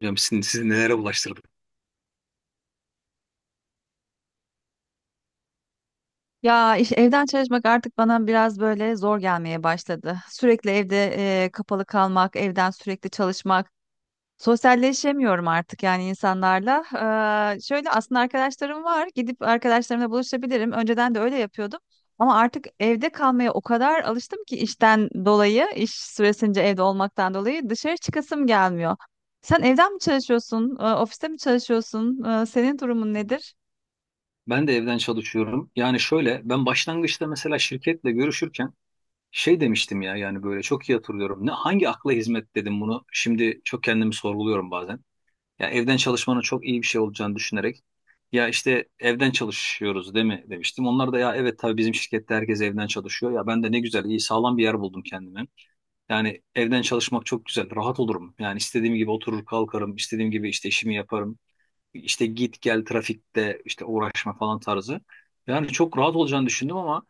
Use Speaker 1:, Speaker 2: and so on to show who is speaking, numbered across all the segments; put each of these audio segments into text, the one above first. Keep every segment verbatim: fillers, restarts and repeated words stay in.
Speaker 1: Hocam sizi, sizi nelere ulaştırdı?
Speaker 2: Ya iş, evden çalışmak artık bana biraz böyle zor gelmeye başladı. Sürekli evde e, kapalı kalmak, evden sürekli çalışmak. Sosyalleşemiyorum artık yani insanlarla. Eee, şöyle aslında arkadaşlarım var. Gidip arkadaşlarımla buluşabilirim. Önceden de öyle yapıyordum. Ama artık evde kalmaya o kadar alıştım ki işten dolayı, iş süresince evde olmaktan dolayı dışarı çıkasım gelmiyor. Sen evden mi çalışıyorsun? E, ofiste mi çalışıyorsun? E, senin durumun nedir?
Speaker 1: Ben de evden çalışıyorum. Yani şöyle ben başlangıçta mesela şirketle görüşürken şey demiştim ya yani böyle çok iyi hatırlıyorum. Ne hangi akla hizmet dedim bunu. Şimdi çok kendimi sorguluyorum bazen. Ya evden çalışmanın çok iyi bir şey olacağını düşünerek ya işte evden çalışıyoruz değil mi demiştim. Onlar da ya evet tabii bizim şirkette herkes evden çalışıyor. Ya ben de ne güzel iyi sağlam bir yer buldum kendime. Yani evden çalışmak çok güzel. Rahat olurum. Yani istediğim gibi oturur kalkarım. İstediğim gibi işte işimi yaparım. İşte git gel trafikte işte uğraşma falan tarzı. Yani çok rahat olacağını düşündüm ama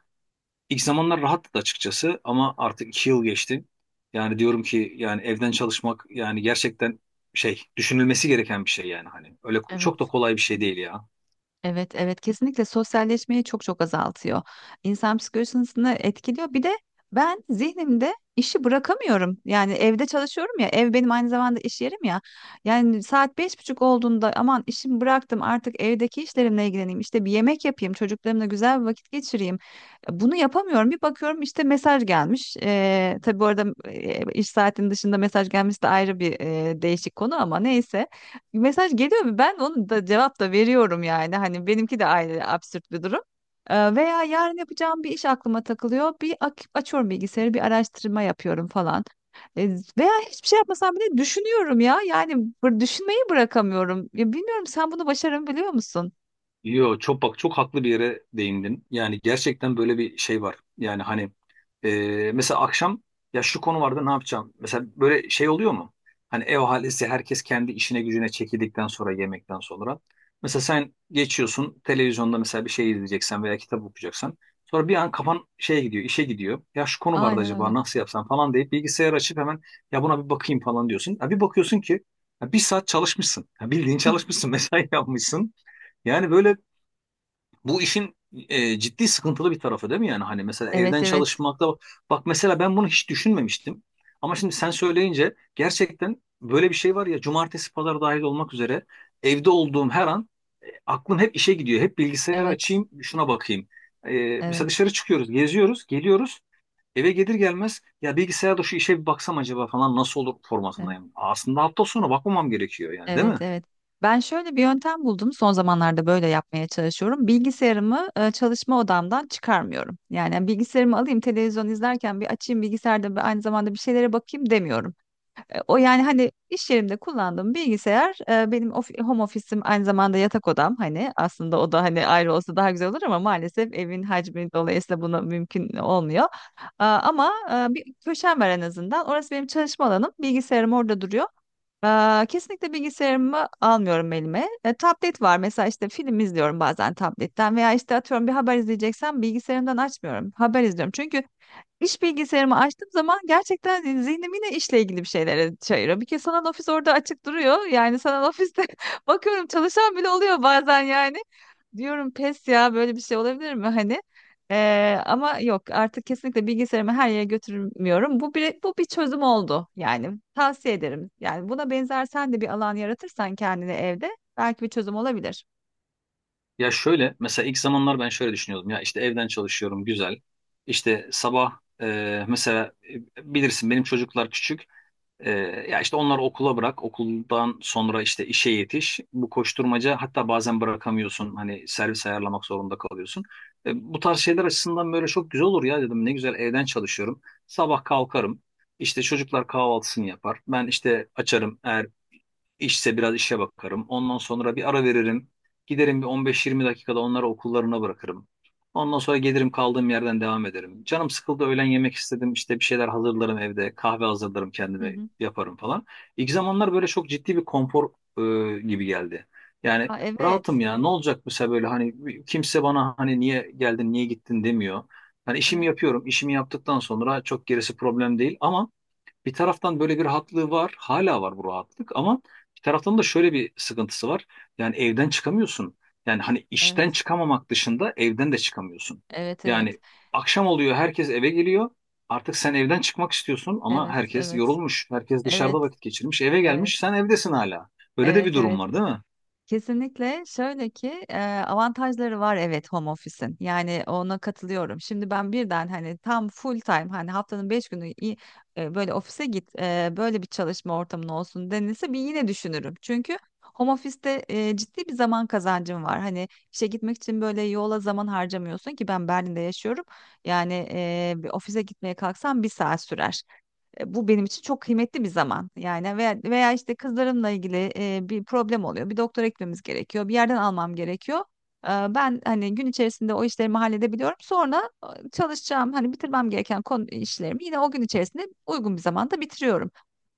Speaker 1: ilk zamanlar rahattı da açıkçası ama artık iki yıl geçti. Yani diyorum ki yani evden çalışmak yani gerçekten şey düşünülmesi gereken bir şey yani hani öyle ko- çok da
Speaker 2: Evet.
Speaker 1: kolay bir şey değil ya.
Speaker 2: Evet, evet kesinlikle sosyalleşmeyi çok çok azaltıyor. İnsan psikolojisini etkiliyor. Bir de ben zihnimde işi bırakamıyorum. Yani evde çalışıyorum ya, ev benim aynı zamanda iş yerim ya. Yani saat beş buçuk olduğunda aman işimi bıraktım artık evdeki işlerimle ilgileneyim. İşte bir yemek yapayım, çocuklarımla güzel bir vakit geçireyim. Bunu yapamıyorum. Bir bakıyorum işte mesaj gelmiş. Ee, tabii bu arada e, iş saatinin dışında mesaj gelmesi de ayrı bir e, değişik konu ama neyse mesaj geliyor mu? Ben onu da cevap da veriyorum yani. Hani benimki de aynı absürt bir durum. Ee, veya yarın yapacağım bir iş aklıma takılıyor. Bir ak- açıyorum bilgisayarı, bir araştırma yapıyorum falan. Ee, veya hiçbir şey yapmasam bile düşünüyorum ya. Yani bır- düşünmeyi bırakamıyorum. Ya bilmiyorum sen bunu başarabiliyor musun?
Speaker 1: Yo çok bak çok haklı bir yere değindin. Yani gerçekten böyle bir şey var. Yani hani e, mesela akşam ya şu konu vardı ne yapacağım? Mesela böyle şey oluyor mu? Hani ev ahalisi herkes kendi işine gücüne çekildikten sonra yemekten sonra. Mesela sen geçiyorsun televizyonda mesela bir şey izleyeceksen veya kitap okuyacaksan. Sonra bir an kafan şeye gidiyor işe gidiyor. Ya şu konu vardı
Speaker 2: Aynen öyle.
Speaker 1: acaba nasıl yapsam falan deyip bilgisayar açıp hemen ya buna bir bakayım falan diyorsun. Ya bir bakıyorsun ki ya bir saat çalışmışsın. Ya bildiğin çalışmışsın mesai yapmışsın. Yani böyle bu işin e, ciddi sıkıntılı bir tarafı değil mi yani? Hani mesela
Speaker 2: Evet,
Speaker 1: evden
Speaker 2: evet.
Speaker 1: çalışmakta bak bak mesela ben bunu hiç düşünmemiştim. Ama şimdi sen söyleyince gerçekten böyle bir şey var ya cumartesi pazar dahil olmak üzere evde olduğum her an e, aklım hep işe gidiyor. Hep bilgisayarı
Speaker 2: Evet,
Speaker 1: açayım şuna bakayım. E,
Speaker 2: evet.
Speaker 1: mesela dışarı çıkıyoruz, geziyoruz, geliyoruz. Eve gelir gelmez ya bilgisayarda şu işe bir baksam acaba falan nasıl olur
Speaker 2: Evet.
Speaker 1: formatındayım. Aslında hafta sonu bakmamam gerekiyor yani değil mi?
Speaker 2: Evet, evet. Ben şöyle bir yöntem buldum. Son zamanlarda böyle yapmaya çalışıyorum. Bilgisayarımı e, çalışma odamdan çıkarmıyorum. Yani hani, bilgisayarımı alayım televizyon izlerken bir açayım bilgisayarda bir aynı zamanda bir şeylere bakayım demiyorum. E, O yani hani iş yerimde kullandığım bilgisayar e, benim ofi- home ofisim aynı zamanda yatak odam. Hani aslında o da hani ayrı olsa daha güzel olur ama maalesef evin hacmi dolayısıyla buna mümkün olmuyor. E, Ama e, bir köşem var en azından. Orası benim çalışma alanım. Bilgisayarım orada duruyor. Aa, kesinlikle bilgisayarımı almıyorum elime. E, tablet var mesela işte film izliyorum bazen tabletten veya işte atıyorum bir haber izleyeceksem bilgisayarımdan açmıyorum. Haber izliyorum çünkü İş bilgisayarımı açtığım zaman gerçekten hani, zihnim yine işle ilgili bir şeylere çayırıyor. Bir kez sanal ofis orada açık duruyor. Yani sanal ofiste bakıyorum çalışan bile oluyor bazen yani. Diyorum pes ya böyle bir şey olabilir mi hani? Ee, ama yok artık kesinlikle bilgisayarımı her yere götürmüyorum. Bu bir, bu bir çözüm oldu yani tavsiye ederim. Yani buna benzer sen de bir alan yaratırsan kendine evde belki bir çözüm olabilir.
Speaker 1: Ya şöyle mesela ilk zamanlar ben şöyle düşünüyordum ya işte evden çalışıyorum güzel. İşte sabah e, mesela e, bilirsin benim çocuklar küçük. ee, Ya işte onları okula bırak, okuldan sonra işte işe yetiş. Bu koşturmaca hatta bazen bırakamıyorsun. Hani servis ayarlamak zorunda kalıyorsun. Ee, bu tarz şeyler açısından böyle çok güzel olur ya dedim. Ne güzel evden çalışıyorum. Sabah kalkarım. İşte çocuklar kahvaltısını yapar. Ben işte açarım. Eğer İşse biraz işe bakarım. Ondan sonra bir ara veririm. Giderim bir on beş yirmi dakikada onları okullarına bırakırım. Ondan sonra gelirim kaldığım yerden devam ederim. Canım sıkıldı öğlen yemek istedim. İşte bir şeyler hazırlarım evde. Kahve hazırlarım
Speaker 2: Hı
Speaker 1: kendime
Speaker 2: hı.
Speaker 1: yaparım falan. İlk zamanlar böyle çok ciddi bir konfor e, gibi geldi. Yani
Speaker 2: Ya evet.
Speaker 1: rahatım ya ne olacak mesela böyle hani kimse bana hani niye geldin niye gittin demiyor. Hani işimi
Speaker 2: Evet.
Speaker 1: yapıyorum. İşimi yaptıktan sonra çok gerisi problem değil ama bir taraftan böyle bir rahatlığı var. Hala var bu rahatlık ama bir taraftan da şöyle bir sıkıntısı var. Yani evden çıkamıyorsun. Yani hani işten çıkamamak dışında evden de çıkamıyorsun.
Speaker 2: Evet evet.
Speaker 1: Yani akşam oluyor herkes eve geliyor. Artık sen evden çıkmak istiyorsun ama
Speaker 2: Evet
Speaker 1: herkes
Speaker 2: evet.
Speaker 1: yorulmuş. Herkes dışarıda
Speaker 2: Evet
Speaker 1: vakit geçirmiş. Eve
Speaker 2: evet. Evet.
Speaker 1: gelmiş sen evdesin hala. Böyle de bir
Speaker 2: Evet
Speaker 1: durum
Speaker 2: evet.
Speaker 1: var değil mi?
Speaker 2: Kesinlikle şöyle ki e, avantajları var evet home office'in. Yani ona katılıyorum. Şimdi ben birden hani tam full time hani haftanın beş günü i- e, böyle ofise git e, böyle bir çalışma ortamın olsun denilse bir yine düşünürüm. Çünkü home office'te e, ciddi bir zaman kazancım var. Hani işe gitmek için böyle yola zaman harcamıyorsun ki ben Berlin'de yaşıyorum. Yani e, bir ofise gitmeye kalksam bir saat sürer. E, Bu benim için çok kıymetli bir zaman. Yani veya, veya işte kızlarımla ilgili e, bir problem oluyor. Bir doktora gitmemiz gerekiyor. Bir yerden almam gerekiyor. E, Ben hani gün içerisinde o işlerimi halledebiliyorum. Sonra e, çalışacağım hani bitirmem gereken konu işlerimi yine o gün içerisinde uygun bir zamanda bitiriyorum.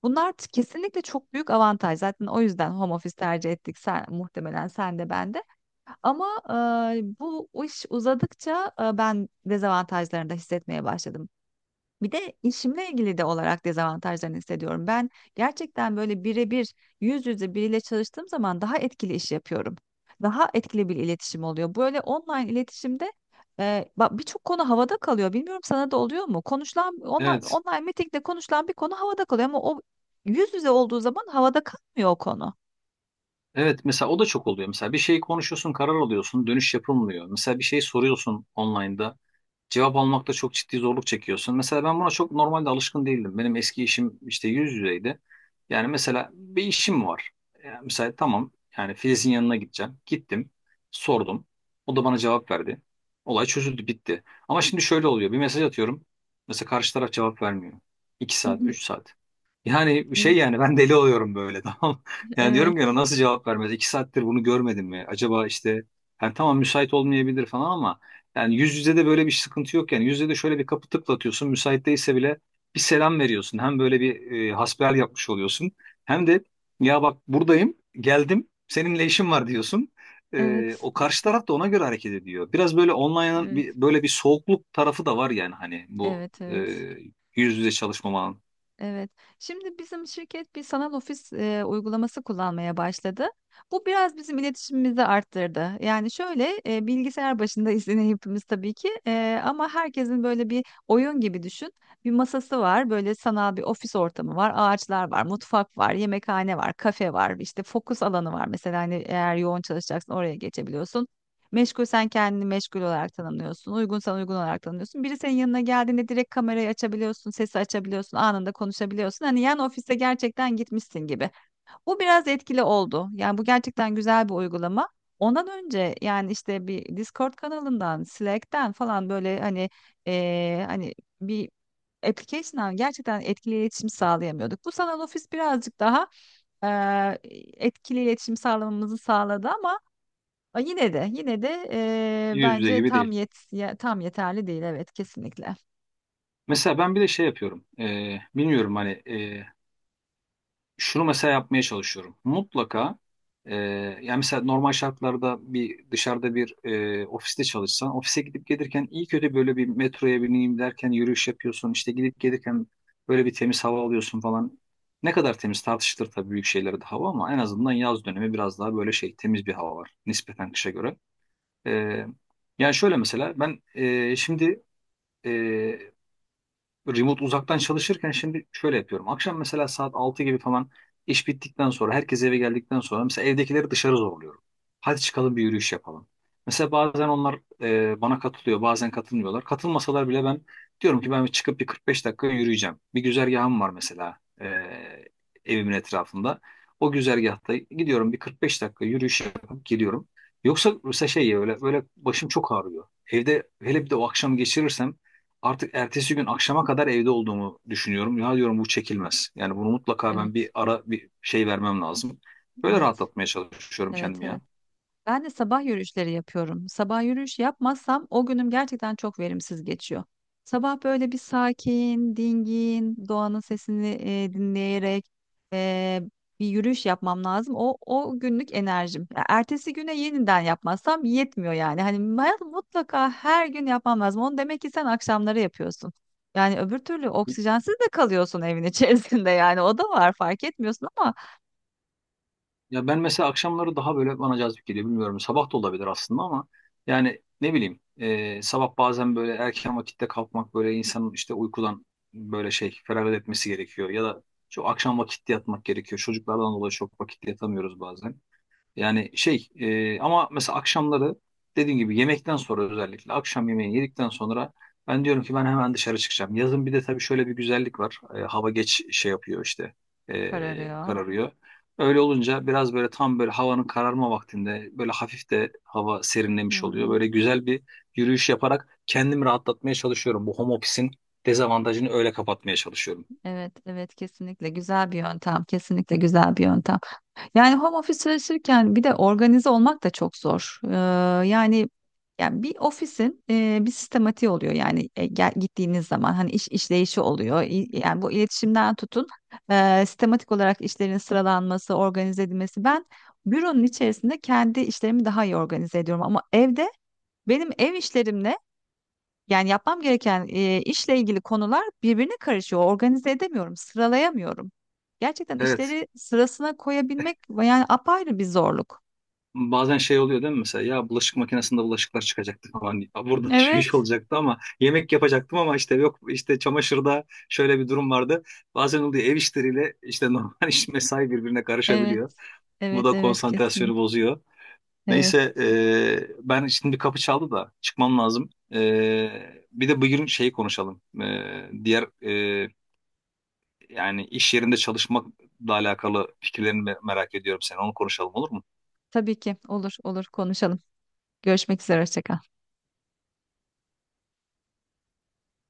Speaker 2: Bunlar t- kesinlikle çok büyük avantaj. Zaten o yüzden home office tercih ettik. Sen, muhtemelen sen de ben de. Ama e, bu iş uzadıkça e, ben dezavantajlarını da hissetmeye başladım. Bir de işimle ilgili de olarak dezavantajlarını hissediyorum. Ben gerçekten böyle birebir yüz yüze biriyle çalıştığım zaman daha etkili iş yapıyorum. Daha etkili bir iletişim oluyor. Böyle online iletişimde e, bak birçok konu havada kalıyor. Bilmiyorum sana da oluyor mu? Konuşulan online,
Speaker 1: Evet.
Speaker 2: online meetingde konuşulan bir konu havada kalıyor ama o yüz yüze olduğu zaman havada kalmıyor o konu.
Speaker 1: Evet mesela o da çok oluyor. Mesela bir şey konuşuyorsun karar alıyorsun dönüş yapılmıyor. Mesela bir şey soruyorsun online'da cevap almakta çok ciddi zorluk çekiyorsun. Mesela ben buna çok normalde alışkın değildim. Benim eski işim işte yüz yüzeydi. Yani mesela bir işim var. Yani mesela tamam yani Filiz'in yanına gideceğim. Gittim, sordum. O da bana cevap verdi. Olay çözüldü, bitti. Ama şimdi şöyle oluyor. Bir mesaj atıyorum. Mesela karşı taraf cevap vermiyor. İki
Speaker 2: Hı
Speaker 1: saat,
Speaker 2: hı.
Speaker 1: üç saat. Yani şey
Speaker 2: Evet,
Speaker 1: yani ben deli oluyorum böyle tamam. Yani
Speaker 2: evet,
Speaker 1: diyorum ki "Ya nasıl cevap vermez? İki saattir bunu görmedim mi? Acaba işte yani tamam müsait olmayabilir falan ama yani yüz yüze de böyle bir sıkıntı yok yani. Yüz yüze de şöyle bir kapı tıklatıyorsun. Müsait değilse bile bir selam veriyorsun. Hem böyle bir e, hasbihal yapmış oluyorsun. Hem de ya bak buradayım, geldim, seninle işim var diyorsun. E,
Speaker 2: evet,
Speaker 1: o karşı taraf da ona göre hareket ediyor. Biraz böyle online'ın
Speaker 2: evet,
Speaker 1: bir, böyle bir soğukluk tarafı da var yani hani bu
Speaker 2: evet,
Speaker 1: e,
Speaker 2: evet,
Speaker 1: yüz yüze çalışmamanın.
Speaker 2: evet. Şimdi bizim şirket bir sanal ofis e, uygulaması kullanmaya başladı. Bu biraz bizim iletişimimizi arttırdı. Yani şöyle e, bilgisayar başında yine hepimiz tabii ki E, ama herkesin böyle bir oyun gibi düşün. Bir masası var, böyle sanal bir ofis ortamı var, ağaçlar var, mutfak var, yemekhane var, kafe var, işte fokus alanı var. Mesela hani eğer yoğun çalışacaksın oraya geçebiliyorsun. Meşgul sen kendini meşgul olarak tanımlıyorsun. Uygunsan uygun olarak tanımlıyorsun. Biri senin yanına geldiğinde direkt kamerayı açabiliyorsun, sesi açabiliyorsun, anında konuşabiliyorsun. Hani yan ofise gerçekten gitmişsin gibi. Bu biraz etkili oldu. Yani bu gerçekten güzel bir uygulama. Ondan önce yani işte bir Discord kanalından, Slack'ten falan böyle hani eee, hani bir application'dan gerçekten etkili iletişim sağlayamıyorduk. Bu sanal ofis birazcık daha eee, etkili iletişim sağlamamızı sağladı ama A, Yine de yine de eee,
Speaker 1: Yüz yüze
Speaker 2: bence
Speaker 1: gibi
Speaker 2: tam
Speaker 1: değil.
Speaker 2: yet ya- tam yeterli değil evet kesinlikle.
Speaker 1: Mesela ben bir de şey yapıyorum. E, bilmiyorum hani e, şunu mesela yapmaya çalışıyorum. Mutlaka e, yani mesela normal şartlarda bir dışarıda bir e, ofiste çalışsan ofise gidip gelirken iyi kötü böyle bir metroya bineyim derken yürüyüş yapıyorsun işte gidip gelirken böyle bir temiz hava alıyorsun falan. Ne kadar temiz tartışılır tabii büyük şeylere de hava ama en azından yaz dönemi biraz daha böyle şey temiz bir hava var nispeten kışa göre. E, Yani şöyle mesela ben e, şimdi e, remote uzaktan çalışırken şimdi şöyle yapıyorum. Akşam mesela saat altı gibi falan iş bittikten sonra herkes eve geldikten sonra mesela evdekileri dışarı zorluyorum. Hadi çıkalım bir yürüyüş yapalım. Mesela bazen onlar e, bana katılıyor, bazen katılmıyorlar. Katılmasalar bile ben diyorum ki ben bir çıkıp bir kırk beş dakika yürüyeceğim. Bir güzergahım var mesela e, evimin etrafında. O güzergahta gidiyorum bir kırk beş dakika yürüyüş yapıp geliyorum. Yoksa mesela şey ya, öyle, böyle başım çok ağrıyor. Evde hele bir de o akşam geçirirsem artık ertesi gün akşama kadar evde olduğumu düşünüyorum. Ya diyorum bu çekilmez. Yani bunu mutlaka ben
Speaker 2: Evet,
Speaker 1: bir ara bir şey vermem lazım. Böyle
Speaker 2: evet.
Speaker 1: rahatlatmaya çalışıyorum
Speaker 2: Evet,
Speaker 1: kendimi ya.
Speaker 2: evet. Ben de sabah yürüyüşleri yapıyorum. Sabah yürüyüş yapmazsam o günüm gerçekten çok verimsiz geçiyor. Sabah böyle bir sakin, dingin, doğanın sesini e, dinleyerek e, bir yürüyüş yapmam lazım. O o günlük enerjim. Ya ertesi güne yeniden yapmazsam yetmiyor yani. Hani ben mutlaka her gün yapmam lazım. Onu demek ki sen akşamları yapıyorsun. Yani öbür türlü oksijensiz de kalıyorsun evin içerisinde yani. O da var fark etmiyorsun ama
Speaker 1: Ya ben mesela akşamları daha böyle bana cazip geliyor bilmiyorum. Sabah da olabilir aslında ama yani ne bileyim e, sabah bazen böyle erken vakitte kalkmak böyle insanın işte uykudan böyle şey feragat etmesi gerekiyor. Ya da çok akşam vakitte yatmak gerekiyor. Çocuklardan dolayı çok vakitte yatamıyoruz bazen. Yani şey e, ama mesela akşamları dediğim gibi yemekten sonra özellikle akşam yemeğini yedikten sonra ben diyorum ki ben hemen dışarı çıkacağım. Yazın bir de tabii şöyle bir güzellik var. E, hava geç şey yapıyor işte e,
Speaker 2: kararıyor.
Speaker 1: kararıyor. Öyle olunca biraz böyle tam böyle havanın kararma vaktinde böyle hafif de hava serinlemiş oluyor.
Speaker 2: Hmm.
Speaker 1: Böyle güzel bir yürüyüş yaparak kendimi rahatlatmaya çalışıyorum. Bu home office'in dezavantajını öyle kapatmaya çalışıyorum.
Speaker 2: Evet, evet kesinlikle güzel bir yöntem, kesinlikle güzel bir yöntem. Yani home office çalışırken bir de organize olmak da çok zor. Ee, yani yani bir ofisin e, bir sistematiği oluyor yani e, gel, gittiğiniz zaman hani iş işleyişi oluyor. İ- Yani bu iletişimden tutun e, sistematik olarak işlerin sıralanması, organize edilmesi. Ben büronun içerisinde kendi işlerimi daha iyi organize ediyorum ama evde benim ev işlerimle yani yapmam gereken e, işle ilgili konular birbirine karışıyor. Organize edemiyorum, sıralayamıyorum. Gerçekten
Speaker 1: Evet.
Speaker 2: işleri sırasına koyabilmek yani apayrı bir zorluk.
Speaker 1: Bazen şey oluyor değil mi mesela ya bulaşık makinesinde bulaşıklar çıkacaktı falan ya burada şu iş
Speaker 2: Evet,
Speaker 1: olacaktı ama yemek yapacaktım ama işte yok işte çamaşırda şöyle bir durum vardı. Bazen oluyor ev işleriyle işte normal iş mesai birbirine
Speaker 2: evet,
Speaker 1: karışabiliyor. Bu
Speaker 2: evet,
Speaker 1: da
Speaker 2: evet,
Speaker 1: konsantrasyonu
Speaker 2: kesinlikle.
Speaker 1: bozuyor.
Speaker 2: Evet,
Speaker 1: Neyse e, ben şimdi bir kapı çaldı da çıkmam lazım. E, bir de bugün şeyi konuşalım. E, diğer e, yani iş yerinde çalışmakla alakalı fikirlerini me- merak ediyorum seni onu konuşalım olur mu?
Speaker 2: tabii ki olur, olur konuşalım. Görüşmek üzere, hoşça kal.